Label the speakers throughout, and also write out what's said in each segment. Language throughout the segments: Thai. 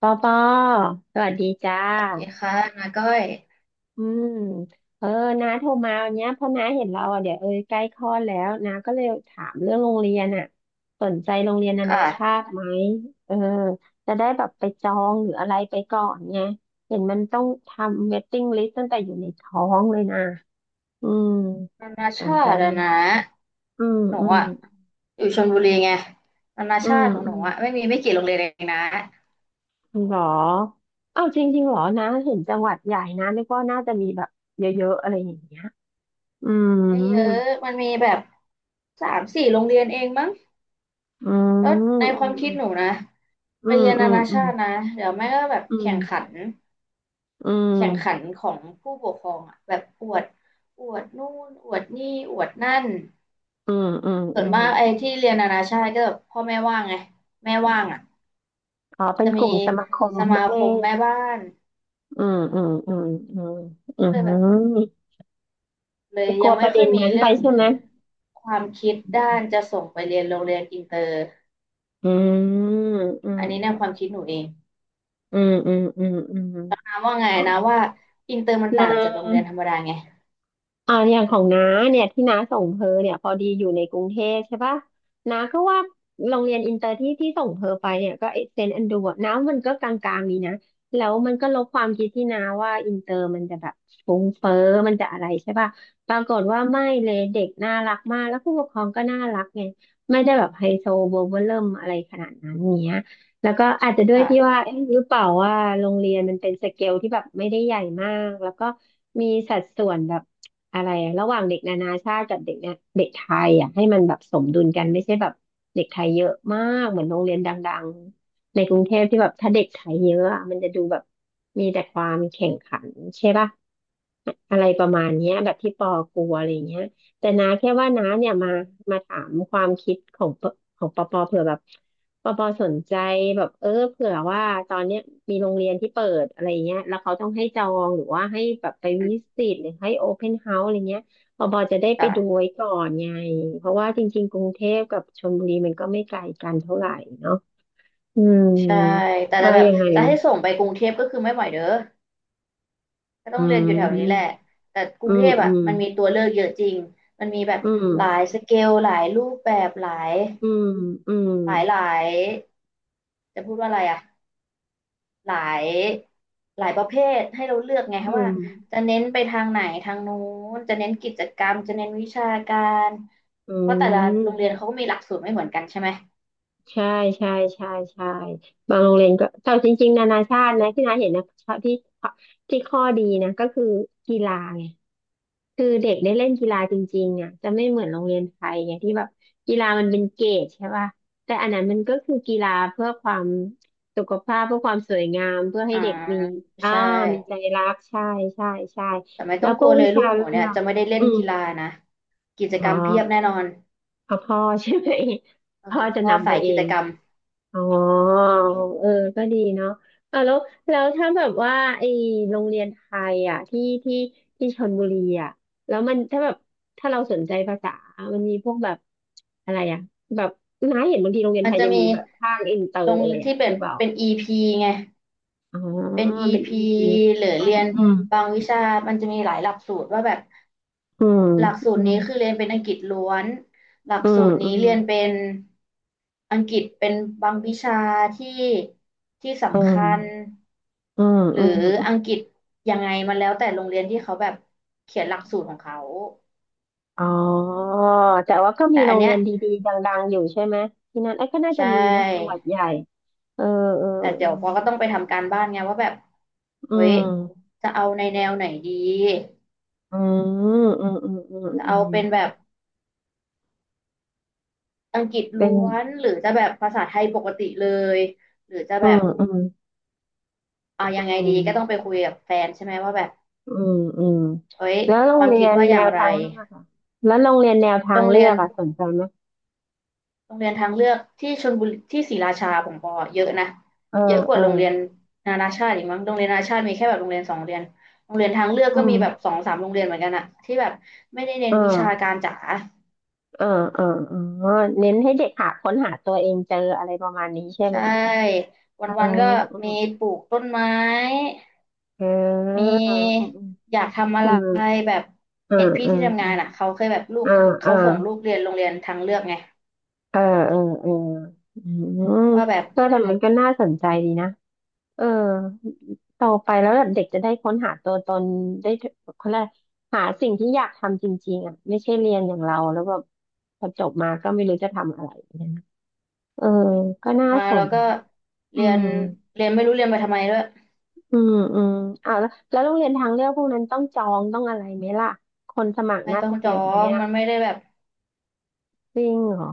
Speaker 1: ปอปอสวัสดีจ้า
Speaker 2: สวัสดีค่ะนาก้อย
Speaker 1: อืมเออน้าโทรมาวันเนี้ย เพราะน้าเห็นเราอ่ะเดี๋ยวใกล้คลอดแล้วน้าก็เลยถามเรื่องโรงเรียนอ่ะสนใจโรงเรียนนานาชา
Speaker 2: ค่ะ
Speaker 1: ติไหมเออจะได้แบบไปจองหรืออะไรไปก่อนไงเห็นมันต้องทำเว i ติ้งลิสต์ตั้งแต่อยู่ในท้องเลยนะ อืม
Speaker 2: นานา
Speaker 1: สน
Speaker 2: ชา
Speaker 1: ใจ
Speaker 2: ติ
Speaker 1: ไหม
Speaker 2: อะนะ
Speaker 1: อืม
Speaker 2: หนู
Speaker 1: อืม
Speaker 2: อะอยู่ชลบุรีไงนานา
Speaker 1: อื
Speaker 2: ชา
Speaker 1: ม
Speaker 2: ติของ
Speaker 1: อื
Speaker 2: หนู
Speaker 1: ม
Speaker 2: อะไม่มีไม่กี่โรงเรียนเองนะ
Speaker 1: หรอ เอ้าจริงๆหรอนะเห็นจังหวัดใหญ่นะนึกว่าน่าจะมีแบบเยอะๆอะไรอย่างเงี้ย อื
Speaker 2: ไม่เยอ
Speaker 1: ม
Speaker 2: ะมันมีแบบสามสี่โรงเรียนเองมั้ง
Speaker 1: อื
Speaker 2: แล้วในค
Speaker 1: ม
Speaker 2: วามคิดหนูนะ
Speaker 1: อื
Speaker 2: ไป
Speaker 1: ม
Speaker 2: เรียน
Speaker 1: อื
Speaker 2: นา
Speaker 1: ม
Speaker 2: นา
Speaker 1: อื
Speaker 2: ชา
Speaker 1: ม
Speaker 2: ตินะเดี๋ยวแม่ก็แบบ
Speaker 1: อืม
Speaker 2: แข่
Speaker 1: อื
Speaker 2: งขั
Speaker 1: ม
Speaker 2: น
Speaker 1: อ
Speaker 2: แข่งขั
Speaker 1: ื
Speaker 2: นของผู้ปกครองอะแบบอวดอวดนู่นอวดนี่อวดนั่น
Speaker 1: มอืมอืม
Speaker 2: ส่วนมากไอ้ที่เรียนนานาชาติก็แบบพ่อแม่ว่างไงแม่ว่างอะ
Speaker 1: อ๋อเป็น
Speaker 2: จะ
Speaker 1: ก
Speaker 2: มี
Speaker 1: ลุ่มสมาคม
Speaker 2: สมา
Speaker 1: ไม่ได้
Speaker 2: คมแม่บ้าน
Speaker 1: อืมอืมอืมอืมอื
Speaker 2: ก็เลยแบบ
Speaker 1: ม
Speaker 2: เล
Speaker 1: จะ
Speaker 2: ย
Speaker 1: กลั
Speaker 2: ยั
Speaker 1: ว
Speaker 2: ง
Speaker 1: ป
Speaker 2: ไม่
Speaker 1: ระ
Speaker 2: ค่
Speaker 1: เด็
Speaker 2: อย
Speaker 1: น
Speaker 2: มี
Speaker 1: นั้นไป
Speaker 2: เรื่อง
Speaker 1: ใช่ไหม
Speaker 2: ความคิดด้านจะส่งไปเรียนโรงเรียนอินเตอร์
Speaker 1: อืมอืม
Speaker 2: อันนี้ในความคิดหนูเอง
Speaker 1: อืมอืมอืมอืมอืม
Speaker 2: นาว่าไงนะว่าอินเตอร์มัน
Speaker 1: น
Speaker 2: ต่างจากโรง
Speaker 1: ะ
Speaker 2: เรียนธรรมดาไง
Speaker 1: อ่าอย่างของน้าเนี่ยที่น้าส่งเธอเนี่ยพอดีอยู่ในกรุงเทพใช่ปะน้าก็ว่าโรงเรียนอินเตอร์ที่ส่งเธอไปเนี่ยก็เซนต์แอนดรูว์น้ามันก็กลางๆนี้นะแล้วมันก็ลบความคิดที่น้าว่าอินเตอร์มันจะแบบฟุ้งเฟ้อมันจะอะไรใช่ปะปรากฏว่าไม่เลยเด็กน่ารักมากแล้วผู้ปกครองก็น่ารักไงไม่ได้แบบไฮโซโบว์เวอร์เริ่มอะไรขนาดนั้นเนี้ย แล้วก็อาจจะด้วยที่ว่า
Speaker 2: ค่ะ
Speaker 1: เอ๊ะหรือเปล่าว่าโรงเรียนมันเป็นสเกลที่แบบไม่ได้ใหญ่มากแล้วก็มีสัดส่วนแบบอะไรระหว่างเด็กนานาชาติกับเด็กเนี่ยเด็กไทยอ่ะให้มันแบบสมดุลกันไม่ใช่แบบเด็กไทยเยอะมากเหมือนโรงเรียนดังๆในกรุงเทพที่แบบถ้าเด็กไทยเยอะอะมันจะดูแบบมีแต่ความแข่งขันใช่ป่ะอะไรประมาณเนี้ยแบบที่ปอกลัวอะไรเงี้ย แต่นาแค่ว่าน้าเนี่ยมาถามความคิดของปอปอเผื่อแบบปอปอสนใจแบบเผื่อว่าตอนเนี้ยมีโรงเรียนที่เปิดอะไรเงี้ยแล้วเขาต้องให้จองหรือว่าให้แบบไป
Speaker 2: อื
Speaker 1: วิ
Speaker 2: ม
Speaker 1: สิตหรือให้โอเพนเฮาส์อะไรเงี้ยปอปอจะได้ไปดู
Speaker 2: ค่ะ
Speaker 1: ไว้ก่อนไงเพราะว่าจริงๆกรุงเทพกับชลบุรีมันก็ไม่ไกลกันเท่าไหร่เนาะอืม
Speaker 2: ใช่แต่
Speaker 1: ว่า
Speaker 2: แบบ
Speaker 1: ยังไง
Speaker 2: จะให้ส่งไปกรุงเทพก็คือไม่ไหวเด้อก็
Speaker 1: อื
Speaker 2: ต้องเรียนอยู่แถวนี้แหละ
Speaker 1: ม
Speaker 2: แต่ก
Speaker 1: อื
Speaker 2: รุงเท
Speaker 1: ม
Speaker 2: พ
Speaker 1: อื
Speaker 2: อ่ะ
Speaker 1: ม
Speaker 2: มันมีตัวเลือกเยอะจริงมันมีแบบ
Speaker 1: อืม
Speaker 2: หลายสเกลหลายรูปแบบหลาย
Speaker 1: อืมอืม
Speaker 2: หลายหลายจะพูดว่าอะไรอ่ะ หลายหลายประเภทให้เราเลือกไง
Speaker 1: อื
Speaker 2: คะว่า
Speaker 1: ม
Speaker 2: จะเน้นไปทางไหนทางนู้นจะเน้นกิจกรรมจะเน้นวิชาการ
Speaker 1: อื
Speaker 2: เพราะแต่ละโรงเรียน
Speaker 1: ม
Speaker 2: เขาก็มีหลักสูตรไม่เหมือนกันใช่ไหม
Speaker 1: ใช่ใช่ใช่ใช่บางโรงเรียนก็แต่จริงๆนานาชาตินะที่น้าเห็นนะที่ที่ข้อดีนะก็คือกีฬาไงคือเด็กได้เล่นกีฬาจริงๆอ่ะจะไม่เหมือนโรงเรียนไทยไงที่แบบกีฬามันเป็นเกรดใช่ป่ะแต่อันนั้นมันก็คือกีฬาเพื่อความสุขภาพเพื่อความสวยงามเพื่อให้
Speaker 2: อ่า
Speaker 1: เด็กมีอ่า
Speaker 2: ใช่
Speaker 1: มีใจรักใช่ใช่ใช่
Speaker 2: แต่ไม่
Speaker 1: แล้
Speaker 2: ต้อ
Speaker 1: ว
Speaker 2: ง
Speaker 1: พ
Speaker 2: ก
Speaker 1: ว
Speaker 2: ลั
Speaker 1: ก
Speaker 2: วเล
Speaker 1: วิ
Speaker 2: ยลู
Speaker 1: ชา
Speaker 2: กหนู
Speaker 1: เลื
Speaker 2: เนี่ย
Speaker 1: อก
Speaker 2: จะไม่ได้เล่
Speaker 1: อื
Speaker 2: น
Speaker 1: ม
Speaker 2: กีฬานะกิจ
Speaker 1: อ๋อ
Speaker 2: กรรมเพียบแน่นอน
Speaker 1: พอพ่อใช่ไหม
Speaker 2: โอ้
Speaker 1: พ่อ
Speaker 2: โห
Speaker 1: จะ
Speaker 2: พ่อ
Speaker 1: นำไป
Speaker 2: สาย
Speaker 1: เอ
Speaker 2: กิจ
Speaker 1: ง
Speaker 2: กรรม
Speaker 1: อ๋อเออ ก็ดีเนาะอ่ะแล้วถ้าแบบว่าไอ้โรงเรียนไทยอ่ะที่ชลบุรีอ่ะ แล้วมันถ้าแบบ ถ้าเราสนใจภาษา มันมีพวกแบบอะไรอ่ะแบบน้าเห็นบางทีโรงเรียน
Speaker 2: มั
Speaker 1: ไท
Speaker 2: น
Speaker 1: ย
Speaker 2: จะ
Speaker 1: จะมี
Speaker 2: มี
Speaker 1: แบบภาคอินเตอ
Speaker 2: ล
Speaker 1: ร์
Speaker 2: ง
Speaker 1: อะไร
Speaker 2: ที่
Speaker 1: อ่ะ
Speaker 2: เป็
Speaker 1: ห
Speaker 2: น
Speaker 1: รือเปล่า
Speaker 2: เป็น EP ไง
Speaker 1: อ๋อ
Speaker 2: เป็น
Speaker 1: เป็นอี
Speaker 2: EP
Speaker 1: พี
Speaker 2: หรือ
Speaker 1: อื
Speaker 2: เรี
Speaker 1: ม
Speaker 2: ยน
Speaker 1: อืม
Speaker 2: บางวิชามันจะมีหลายหลักสูตรว่าแบบ
Speaker 1: อืม
Speaker 2: หลักสู
Speaker 1: อื
Speaker 2: ตร
Speaker 1: ม
Speaker 2: นี้คือเรียนเป็นอังกฤษล้วนหลัก
Speaker 1: อืม
Speaker 2: สูตร
Speaker 1: อื
Speaker 2: นี้
Speaker 1: ม
Speaker 2: เรียนเป็นอังกฤษเป็นบางวิชาที่ที่
Speaker 1: อื
Speaker 2: สำ
Speaker 1: ม
Speaker 2: คัญ
Speaker 1: อืม
Speaker 2: หรื
Speaker 1: อื
Speaker 2: อ
Speaker 1: ม
Speaker 2: อังกฤษยังไงมันแล้วแต่โรงเรียนที่เขาแบบเขียนหลักสูตรของเขา
Speaker 1: อ๋อแต่ว่าก็มี
Speaker 2: แต่
Speaker 1: โร
Speaker 2: อัน
Speaker 1: ง
Speaker 2: เนี้
Speaker 1: เรี
Speaker 2: ย
Speaker 1: ยนดีๆดังๆอยู่ใช่ไหมที่นั่นไอ้ยก็น่า
Speaker 2: ใช
Speaker 1: จะมีนะจังหวั
Speaker 2: ่
Speaker 1: ดใหญ่เออเออ
Speaker 2: แต่
Speaker 1: เอ
Speaker 2: เดี๋
Speaker 1: อ
Speaker 2: ยวปอก็ต้องไปทำการบ้านไงว่าแบบ
Speaker 1: อื
Speaker 2: เฮ้ย
Speaker 1: ม
Speaker 2: จะเอาในแนวไหนดี
Speaker 1: อืมอืมอืมอืม
Speaker 2: จะ
Speaker 1: อื
Speaker 2: เอา
Speaker 1: ม
Speaker 2: เป็นแบบอังกฤษ
Speaker 1: เป็น
Speaker 2: ล้วนหรือจะแบบภาษาไทยปกติเลยหรือจะ
Speaker 1: อื
Speaker 2: แบ
Speaker 1: ม
Speaker 2: บ
Speaker 1: อืม
Speaker 2: เอายังไง
Speaker 1: อื
Speaker 2: ดีก็ต้องไป
Speaker 1: ม
Speaker 2: คุยกับแฟนใช่ไหมว่าแบบ
Speaker 1: อืมอืม
Speaker 2: เอ้ย
Speaker 1: แล้วโร
Speaker 2: ค
Speaker 1: ง
Speaker 2: วาม
Speaker 1: เรี
Speaker 2: คิ
Speaker 1: ย
Speaker 2: ด
Speaker 1: น
Speaker 2: ว่าอ
Speaker 1: แน
Speaker 2: ย่าง
Speaker 1: ว
Speaker 2: ไร
Speaker 1: ทางเลือกอะแล้วโรงเรียนแนวทา
Speaker 2: โร
Speaker 1: ง
Speaker 2: ง
Speaker 1: เลื
Speaker 2: เรีย
Speaker 1: อ
Speaker 2: น
Speaker 1: กอะสนใจไหม
Speaker 2: โรงเรียนทางเลือกที่ชลบุรีที่ศรีราชาผมบอกเยอะนะ
Speaker 1: เออ
Speaker 2: เยอะก
Speaker 1: เอ
Speaker 2: ว่า
Speaker 1: อ
Speaker 2: โรงเรียนนานาชาติอีกมั้งโรงเรียนนานาชาติมีแค่แบบโรงเรียนสองโรงเรียนโรงเรียนทางเลือก
Speaker 1: อื
Speaker 2: ก็มี
Speaker 1: ม
Speaker 2: แบบสองสามโรงเรียนเหมือนกันอะที่แบบไม่ได้เน้
Speaker 1: เอ
Speaker 2: นวิชา
Speaker 1: อ
Speaker 2: การจ๋า
Speaker 1: เออเออเน้นให้เด็กหาค้นหาตัวเองเจออะไรประมาณนี้ใช่
Speaker 2: ใช
Speaker 1: ไหม
Speaker 2: ่วั
Speaker 1: เออ
Speaker 2: นๆก็มีปลูกต้นไม้
Speaker 1: เออ
Speaker 2: มี
Speaker 1: เอออืม
Speaker 2: อยากทำอะ
Speaker 1: อื
Speaker 2: ไร
Speaker 1: ม
Speaker 2: แบบ
Speaker 1: เออ
Speaker 2: เห็นพี่
Speaker 1: เออ
Speaker 2: ที่ทำงานอะเขาเคยแบบลู
Speaker 1: เอ
Speaker 2: ก
Speaker 1: อเออ
Speaker 2: เขาส่งลูกเรียนโรงเรียนทางเลือกไง
Speaker 1: เออเออเออเอออืมเออ
Speaker 2: ว่าแบบ
Speaker 1: แต่มันก็น่าสนใจดีนะเออโตไปแล้วแบบเด็กจะได้ค้นหาตัวตนได้เขาเรียกอะไรหาสิ่งที่อยากทำจริงๆอ่ะไม่ใช่เรียนอย่างเราแล้วแบบพอจบมาก็ไม่รู้จะทำอะไรเนี่ยนะเออก็น่า
Speaker 2: มา
Speaker 1: ส
Speaker 2: เรา
Speaker 1: น
Speaker 2: ก็
Speaker 1: นะอื
Speaker 2: เรียน
Speaker 1: ม
Speaker 2: เรียนไม่รู้เรียนไปทำไมด้วย
Speaker 1: อืมอืมอ้าวแล้วโรงเรียนทางเลือกพวกนั้นต้องจองต้องอะไรไหมล่ะคนสมัคร
Speaker 2: ไม่
Speaker 1: น่า
Speaker 2: ต้อง
Speaker 1: จะ
Speaker 2: จ
Speaker 1: เย
Speaker 2: อ
Speaker 1: อะไหม
Speaker 2: ง
Speaker 1: อ่ะ
Speaker 2: มันไม่ได้แบบ
Speaker 1: จริงเหรอ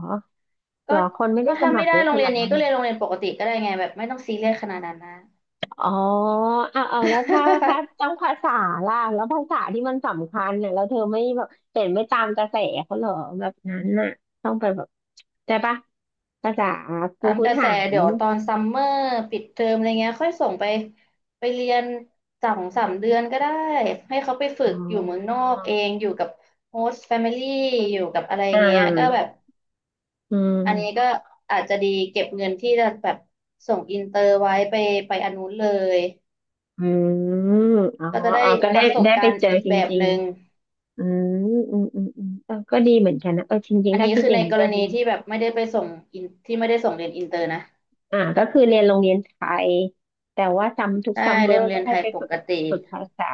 Speaker 1: หร
Speaker 2: ก็
Speaker 1: อคนไม่ได้
Speaker 2: ก็
Speaker 1: ส
Speaker 2: ถ้า
Speaker 1: มั
Speaker 2: ไม่
Speaker 1: ครเย
Speaker 2: ได้
Speaker 1: อะ
Speaker 2: โร
Speaker 1: ข
Speaker 2: งเรี
Speaker 1: นา
Speaker 2: ย
Speaker 1: ด
Speaker 2: นนี้
Speaker 1: นั้น
Speaker 2: ก็เรียนโรงเรียนปกติก็ได้ไงแบบไม่ต้องซีเรียสขนาดนั้นนะ
Speaker 1: อ๋ออ่ะเอาแล้วถ้า ต้องภาษาล่ะแล้วภาษาที่มันสำคัญเนี่ยแล้วเธอไม่แบบเปลี่ยนไม่ตามกระแสเขาเหรอแบบนั้นน่ะต้องไปแบบใช้ปะภาษาปู
Speaker 2: ตาม
Speaker 1: พื้
Speaker 2: ก
Speaker 1: น
Speaker 2: ระแส
Speaker 1: ฐาน
Speaker 2: เดี๋ยวตอนซัมเมอร์ปิดเทอมอะไรเงี้ยค่อยส่งไปเรียนสองสามเดือนก็ได้ให้เขาไปฝึ
Speaker 1: อ๋
Speaker 2: กอยู่เมืองนอ
Speaker 1: อ
Speaker 2: กเองอยู่กับโฮสต์แฟมิลี่อยู่กับอะไร
Speaker 1: อ่
Speaker 2: เงี้ยก็แบ
Speaker 1: า
Speaker 2: บ
Speaker 1: อื
Speaker 2: อันนี้ก็
Speaker 1: ม
Speaker 2: อาจจะดีเก็บเงินที่จะแบบส่งอินเตอร์ไว้ไปอันนู้นเลย
Speaker 1: อืมอ๋อ
Speaker 2: ก็จะได้
Speaker 1: อ๋อก็
Speaker 2: ป
Speaker 1: ได้
Speaker 2: ระสบ
Speaker 1: ได้ไป
Speaker 2: การณ์
Speaker 1: เจอ
Speaker 2: อีก
Speaker 1: จ
Speaker 2: แบบ
Speaker 1: ริ
Speaker 2: ห
Speaker 1: ง
Speaker 2: นึ่ง
Speaker 1: ๆอืมอืมอืมอืมเออก็ดีเหมือนกันนะเออจริง
Speaker 2: อั
Speaker 1: ๆ
Speaker 2: น
Speaker 1: ถ้า
Speaker 2: นี้
Speaker 1: คิด
Speaker 2: คือ
Speaker 1: อย่า
Speaker 2: ใน
Speaker 1: งนี้
Speaker 2: กร
Speaker 1: ก็ดี
Speaker 2: ณีที่แบบไม่ได้ไปส่งอินที่ไม่ได้ส่งเรียนอินเตอร์นะ
Speaker 1: อ่าก็คือเรียนโรงเรียนไทยแต่ว่าซัมทุก
Speaker 2: ใช่
Speaker 1: ซัมเมอ
Speaker 2: เรียน
Speaker 1: ร์
Speaker 2: เรี
Speaker 1: ก็
Speaker 2: ยนไท
Speaker 1: ให้
Speaker 2: ย
Speaker 1: ไป
Speaker 2: ป
Speaker 1: ฝึก
Speaker 2: กติ
Speaker 1: ฝึกภาษา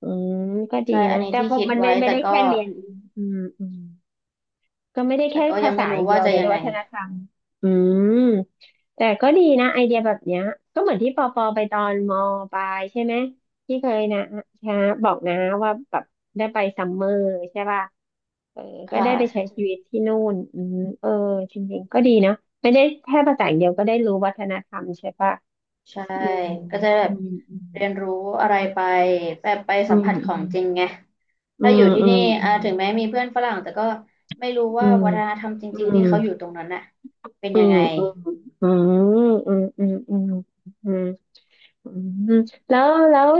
Speaker 1: อืมก็ดี
Speaker 2: ใช่อั
Speaker 1: นะ
Speaker 2: นนี้
Speaker 1: แต่
Speaker 2: ที่
Speaker 1: พอ
Speaker 2: คิด
Speaker 1: มันไม่
Speaker 2: ไว้
Speaker 1: ไม่
Speaker 2: แต่
Speaker 1: ได้
Speaker 2: ก็
Speaker 1: แค่เรียนอืมอืม ก็ไม่ได้
Speaker 2: แต่
Speaker 1: แค่
Speaker 2: ก็
Speaker 1: ภา
Speaker 2: ยัง
Speaker 1: ษา
Speaker 2: ไม่
Speaker 1: อ
Speaker 2: รู้
Speaker 1: ย่างเดีย
Speaker 2: ว่า
Speaker 1: ว
Speaker 2: จะ
Speaker 1: เดี๋ยว
Speaker 2: ยั
Speaker 1: ได้
Speaker 2: งไง
Speaker 1: วัฒนธรรม อืม แต่ก็ดีนะไอเดียแบบเนี้ยก็เหมือนที่ปอปอไปตอนมปลายใช่ไหมที่เคยนะนะบอกนะว่าแบบได้ไปซัมเมอร์ใช่ป่ะเออ
Speaker 2: ค
Speaker 1: ก็ได้ไปใช้
Speaker 2: ่ะ
Speaker 1: ชีวิตที่นู่นเออจริงๆก็ดีเนาะไม่ได้แค่ภาษาอย่างเดียวก็ได้รู้วัฒนธรรมใช่ป่ะ
Speaker 2: ใช่
Speaker 1: อืม
Speaker 2: ก็จะแบ
Speaker 1: อื
Speaker 2: บ
Speaker 1: ม
Speaker 2: เรียนรู้อะไรไปแบบไป
Speaker 1: อื
Speaker 2: สัมผัสของจริง
Speaker 1: ม
Speaker 2: ไง
Speaker 1: อื
Speaker 2: ถ้าอ
Speaker 1: ม
Speaker 2: ยู่ที่
Speaker 1: อืม
Speaker 2: นี่
Speaker 1: อื
Speaker 2: อ่า
Speaker 1: ม
Speaker 2: ถึงแม้มีเพื่อนฝรั่งแต่ก็ไม่รู้
Speaker 1: อื
Speaker 2: ว่า
Speaker 1: ม
Speaker 2: วัฒนธรรมจ
Speaker 1: อื
Speaker 2: ริ
Speaker 1: ม
Speaker 2: งๆ
Speaker 1: อื
Speaker 2: ที่เขาอยู่
Speaker 1: ม
Speaker 2: ตรงนั้นน่ะเป็น
Speaker 1: อื
Speaker 2: ยัง
Speaker 1: ม
Speaker 2: ไง
Speaker 1: อืมอืมอืมอืมอืมอืมอืมแล้ว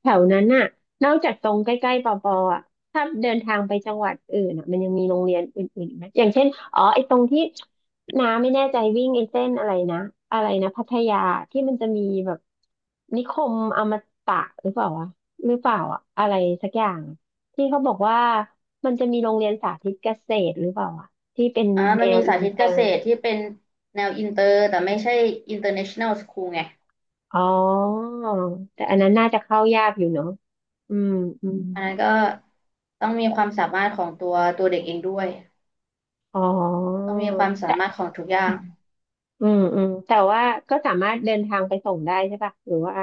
Speaker 1: แถวนั้นน่ะนอกจากตรงใกล้ๆปอปออ่ะถ้าเดินทางไปจังหวัดอื่นอ่ะมันยังมีโรงเรียนอื่นๆอีกไหมอย่างเช่นอ๋อไอ้ตรงที่น้าไม่แน่ใจวิ่งไอ้เส้นอะไรนะอะไรนะพัทยาที่มันจะมีแบบนิคมอมตะหรือเปล่าวะหรือเปล่าอ่ะอะไรสักอย่างที่เขาบอกว่ามันจะมีโรงเรียนสาธิตเกษตรหรือเปล่าอ่ะที่เป็น
Speaker 2: อ่า
Speaker 1: แน
Speaker 2: มัน
Speaker 1: ว
Speaker 2: มี
Speaker 1: อิ
Speaker 2: สา
Speaker 1: น
Speaker 2: ธิต
Speaker 1: เต
Speaker 2: เก
Speaker 1: อ
Speaker 2: ษ
Speaker 1: ร์
Speaker 2: ตรที่เป็นแนวอินเตอร์แต่ไม่ใช่ international school ไง
Speaker 1: อ๋อแต่อันนั้นน่าจะเข้ายากอยู่เนาะอืมอืม
Speaker 2: อันนั้นก็ต้องมีความสามารถของตัวเด็กเองด้วย
Speaker 1: อ๋อ
Speaker 2: ต้องมีความสา
Speaker 1: แต่
Speaker 2: มารถของทุกอย่าง
Speaker 1: อืมอืมแต่ว่าก็สามารถเดินทางไปส่งได้ใช่ปะหรือว่า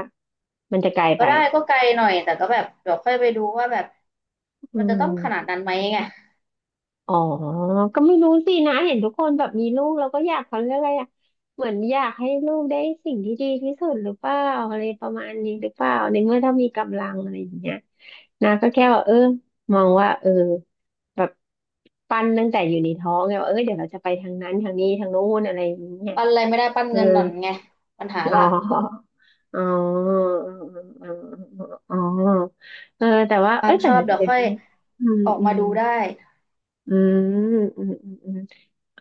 Speaker 1: มันจะไกล
Speaker 2: ก็
Speaker 1: ไป
Speaker 2: ได้ก็ไกลหน่อยแต่ก็แบบเดี๋ยวค่อยไปดูว่าแบบ
Speaker 1: อื
Speaker 2: มันจะต้องขนาด
Speaker 1: ม
Speaker 2: นั้นไหมไง
Speaker 1: อ๋อก็ไม่รู้สินะเห็นทุกคนแบบมีลูกแล้วก็อยากเขาเรียกอะไรอะเหมือนอยากให้ลูกได้สิ่งที่ดีที่สุดหรือเปล่าอะไรประมาณนี้หรือเปล่าในเมื่อถ้ามีกำลังอะไรอย่างเงี้ยนะก็แค่ว่าเออมองว่าเออแบบ ปั้นตั้งแต่อยู่ในท้องไงว่าเออเดี๋ยวเราจะไปทางนั้นทางนี้ทางโน้นอะไรอย่างเงี้ย
Speaker 2: ปั้นอะไรไม่ได้ปั้น
Speaker 1: เออ
Speaker 2: เงินหน่อนไงปัญหา
Speaker 1: อ๋
Speaker 2: ล่ะ
Speaker 1: ออ๋ออ๋ออ๋อเออแต่ว่า
Speaker 2: ค
Speaker 1: เอ
Speaker 2: วาม
Speaker 1: ยแต่
Speaker 2: ชอบเดี๋ยว
Speaker 1: เด็ก
Speaker 2: ค่อย
Speaker 1: อืม
Speaker 2: ออก
Speaker 1: อื
Speaker 2: มา
Speaker 1: ม
Speaker 2: ดูได้
Speaker 1: อืมอืมอืม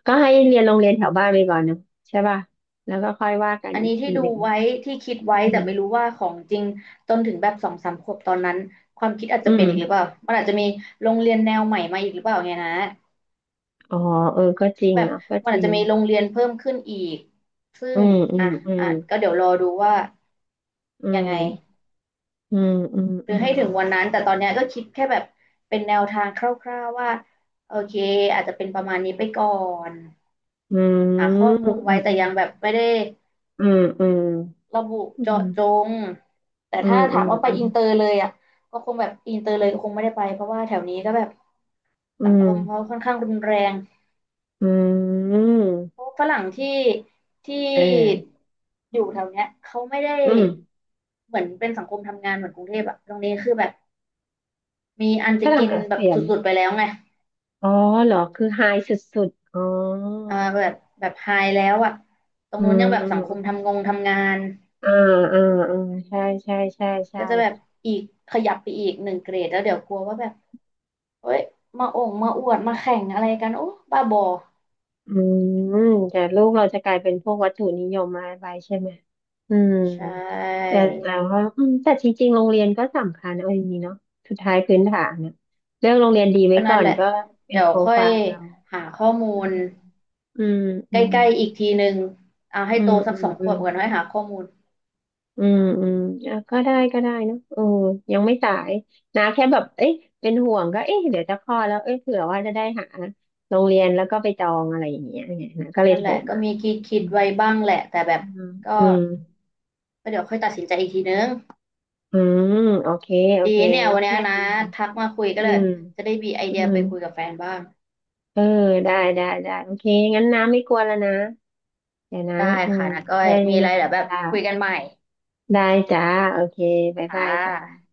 Speaker 1: ก็ให้เรียนโรงเรียนแถวบ้านไปก่อนเนาะใช่ป่ะแล้วก็ค่อยว่ากัน
Speaker 2: อัน
Speaker 1: อีก
Speaker 2: นี้ที่
Speaker 1: ที
Speaker 2: ดู
Speaker 1: หนึ่ง
Speaker 2: ไว้ที่คิด
Speaker 1: อื
Speaker 2: ไว้แต่
Speaker 1: ม
Speaker 2: ไม่รู้ว่าของจริงจนถึงแบบสองสามขวบตอนนั้นความคิดอาจ
Speaker 1: อื
Speaker 2: จะเปลี่ยนอีกหรือเปล่า
Speaker 1: ม
Speaker 2: มันอาจจะมีโรงเรียนแนวใหม่มาอีกหรือเปล่าไงนะ
Speaker 1: อ๋อเออก็จริง
Speaker 2: แบบ
Speaker 1: เนาะก็
Speaker 2: มั
Speaker 1: จ
Speaker 2: นอา
Speaker 1: ริ
Speaker 2: จจะ
Speaker 1: ง
Speaker 2: มีโรงเรียนเพิ่มขึ้นอีกซึ่
Speaker 1: อื
Speaker 2: ง
Speaker 1: อื
Speaker 2: อ่ะ
Speaker 1: มอืม
Speaker 2: อ่ะก็เดี๋ยวรอดูว่า
Speaker 1: อื
Speaker 2: ยัง
Speaker 1: ม
Speaker 2: ไง
Speaker 1: อืมอืม
Speaker 2: ห
Speaker 1: อื
Speaker 2: รือให้
Speaker 1: ม
Speaker 2: ถึงวันนั้นแต่ตอนเนี้ยก็คิดแค่แบบเป็นแนวทางคร่าวๆว่าโอเคอาจจะเป็นประมาณนี้ไปก่อน
Speaker 1: อื
Speaker 2: หาข้อ
Speaker 1: ม
Speaker 2: มูล
Speaker 1: อื
Speaker 2: ไว้
Speaker 1: ม
Speaker 2: แต่ยังแบบไม่ได้
Speaker 1: อืมอืม
Speaker 2: ระบุ
Speaker 1: อืม
Speaker 2: เจาะ
Speaker 1: อืม
Speaker 2: จงแต่
Speaker 1: อื
Speaker 2: ถ้า
Speaker 1: มอื
Speaker 2: ถา
Speaker 1: ม
Speaker 2: มว่าไป
Speaker 1: อืม
Speaker 2: อินเตอร์เลยอ่ะก็คงแบบอินเตอร์เลยก็คงไม่ได้ไปเพราะว่าแถวนี้ก็แบบสังคมเขาค่อนข้างรุนแรง
Speaker 1: อืมอืม
Speaker 2: เพราะฝรั่งที่ที่
Speaker 1: เออ
Speaker 2: อยู่แถวเนี้ยเขาไม่ได้
Speaker 1: อืม
Speaker 2: เหมือนเป็นสังคมทำงานเหมือนกรุงเทพอะตรงนี้คือแบบมีอัน
Speaker 1: ฝ
Speaker 2: จะ
Speaker 1: รั่ง
Speaker 2: กิน
Speaker 1: อา
Speaker 2: แบบ
Speaker 1: เซียน
Speaker 2: สุดๆไปแล้วไง
Speaker 1: อ๋อเหรอคือไฮสุดๆอ๋อ
Speaker 2: อ่าแบบแบบไฮแล้วอะตรง
Speaker 1: อื
Speaker 2: นู้น
Speaker 1: ม
Speaker 2: ยังแบบ
Speaker 1: อืม
Speaker 2: สังค
Speaker 1: อืม
Speaker 2: มทำงาน
Speaker 1: อ่า อ่าอ่าใช่ใช่ใช่ใช่
Speaker 2: ก็จะแบบอีกขยับไปอีกหนึ่งเกรดแล้วเดี๋ยวกลัวว่าแบบ เฮ้ยมาโอ่งมาอวดมาแข่งอะไรกันโอ้บ้าบอ
Speaker 1: อืมแต่ลูกเราจะกลายเป็นพวกวัตถุนิยมมาไปใช่ไหมอืม
Speaker 2: ใช่
Speaker 1: แต่ว่าอืมแต่จริงๆโรงเรียนก็สำคัญเอาอย่างนี้เนาะสุดท้ายพื้นฐานเนี่ยเลือกโรงเรียนดีไว้
Speaker 2: ก็
Speaker 1: ก่
Speaker 2: นั่
Speaker 1: อ
Speaker 2: น
Speaker 1: น
Speaker 2: แหละ
Speaker 1: ก็เป็น
Speaker 2: เดี๋ยว
Speaker 1: โปร
Speaker 2: ค่อ
Speaker 1: ไฟ
Speaker 2: ย
Speaker 1: ล์เรา
Speaker 2: หาข้อมูล
Speaker 1: อืมอื
Speaker 2: ใก
Speaker 1: มอื
Speaker 2: ล้
Speaker 1: ม
Speaker 2: ๆอีกทีหนึ่งเอาให้
Speaker 1: อื
Speaker 2: โต
Speaker 1: ม
Speaker 2: สั
Speaker 1: อื
Speaker 2: ก
Speaker 1: ม
Speaker 2: สองข
Speaker 1: อื
Speaker 2: ว
Speaker 1: ม
Speaker 2: บก่อนค่อยหาข้อมูล
Speaker 1: อืมอืมอ่ะก็ได้ก็ได้เนอะเออยังไม่สายนะแค่แบบเอ๊ะเป็นห่วงก็เอ๊ะเดี๋ยวจะคลอดแล้วเอ๊ะเผื่อว่าจะได้หาโรงเรียนแล้วก็ไปจองอะไรอย่างเงี้ยไงนะก็เลย
Speaker 2: นั่น
Speaker 1: โท
Speaker 2: แห
Speaker 1: ร
Speaker 2: ละก็
Speaker 1: มา
Speaker 2: มีคิดคิ
Speaker 1: อื
Speaker 2: ด
Speaker 1: ม
Speaker 2: ไว้บ้างแหละแต่แบบ
Speaker 1: อืม
Speaker 2: ก็
Speaker 1: อืม
Speaker 2: เดี๋ยวค่อยตัดสินใจอีกทีนึง
Speaker 1: อืมโอเคโอ
Speaker 2: ดี
Speaker 1: เค
Speaker 2: เนี่ยวันนี้
Speaker 1: ไม่
Speaker 2: นะ
Speaker 1: มี
Speaker 2: ทักมาคุยก็
Speaker 1: อื
Speaker 2: เลย
Speaker 1: ม
Speaker 2: จะได้มีไอ
Speaker 1: อื
Speaker 2: เดีย
Speaker 1: ม
Speaker 2: ไปคุยกับแฟนบ้าง
Speaker 1: เออได้ได้ได้โอเคงั้นน้ำไม่กลัวแล้วนะเดี๋ยวนะ
Speaker 2: ได้
Speaker 1: อืม
Speaker 2: ค่ะนะก้อ
Speaker 1: แค่
Speaker 2: ย
Speaker 1: นี้
Speaker 2: มีอะไร
Speaker 1: นะ
Speaker 2: เดี๋ยวแบบ
Speaker 1: จ้า
Speaker 2: คุยกันใหม่
Speaker 1: ได้จ้าโอเคบ๊าย
Speaker 2: ค่
Speaker 1: บายจ้า
Speaker 2: ะ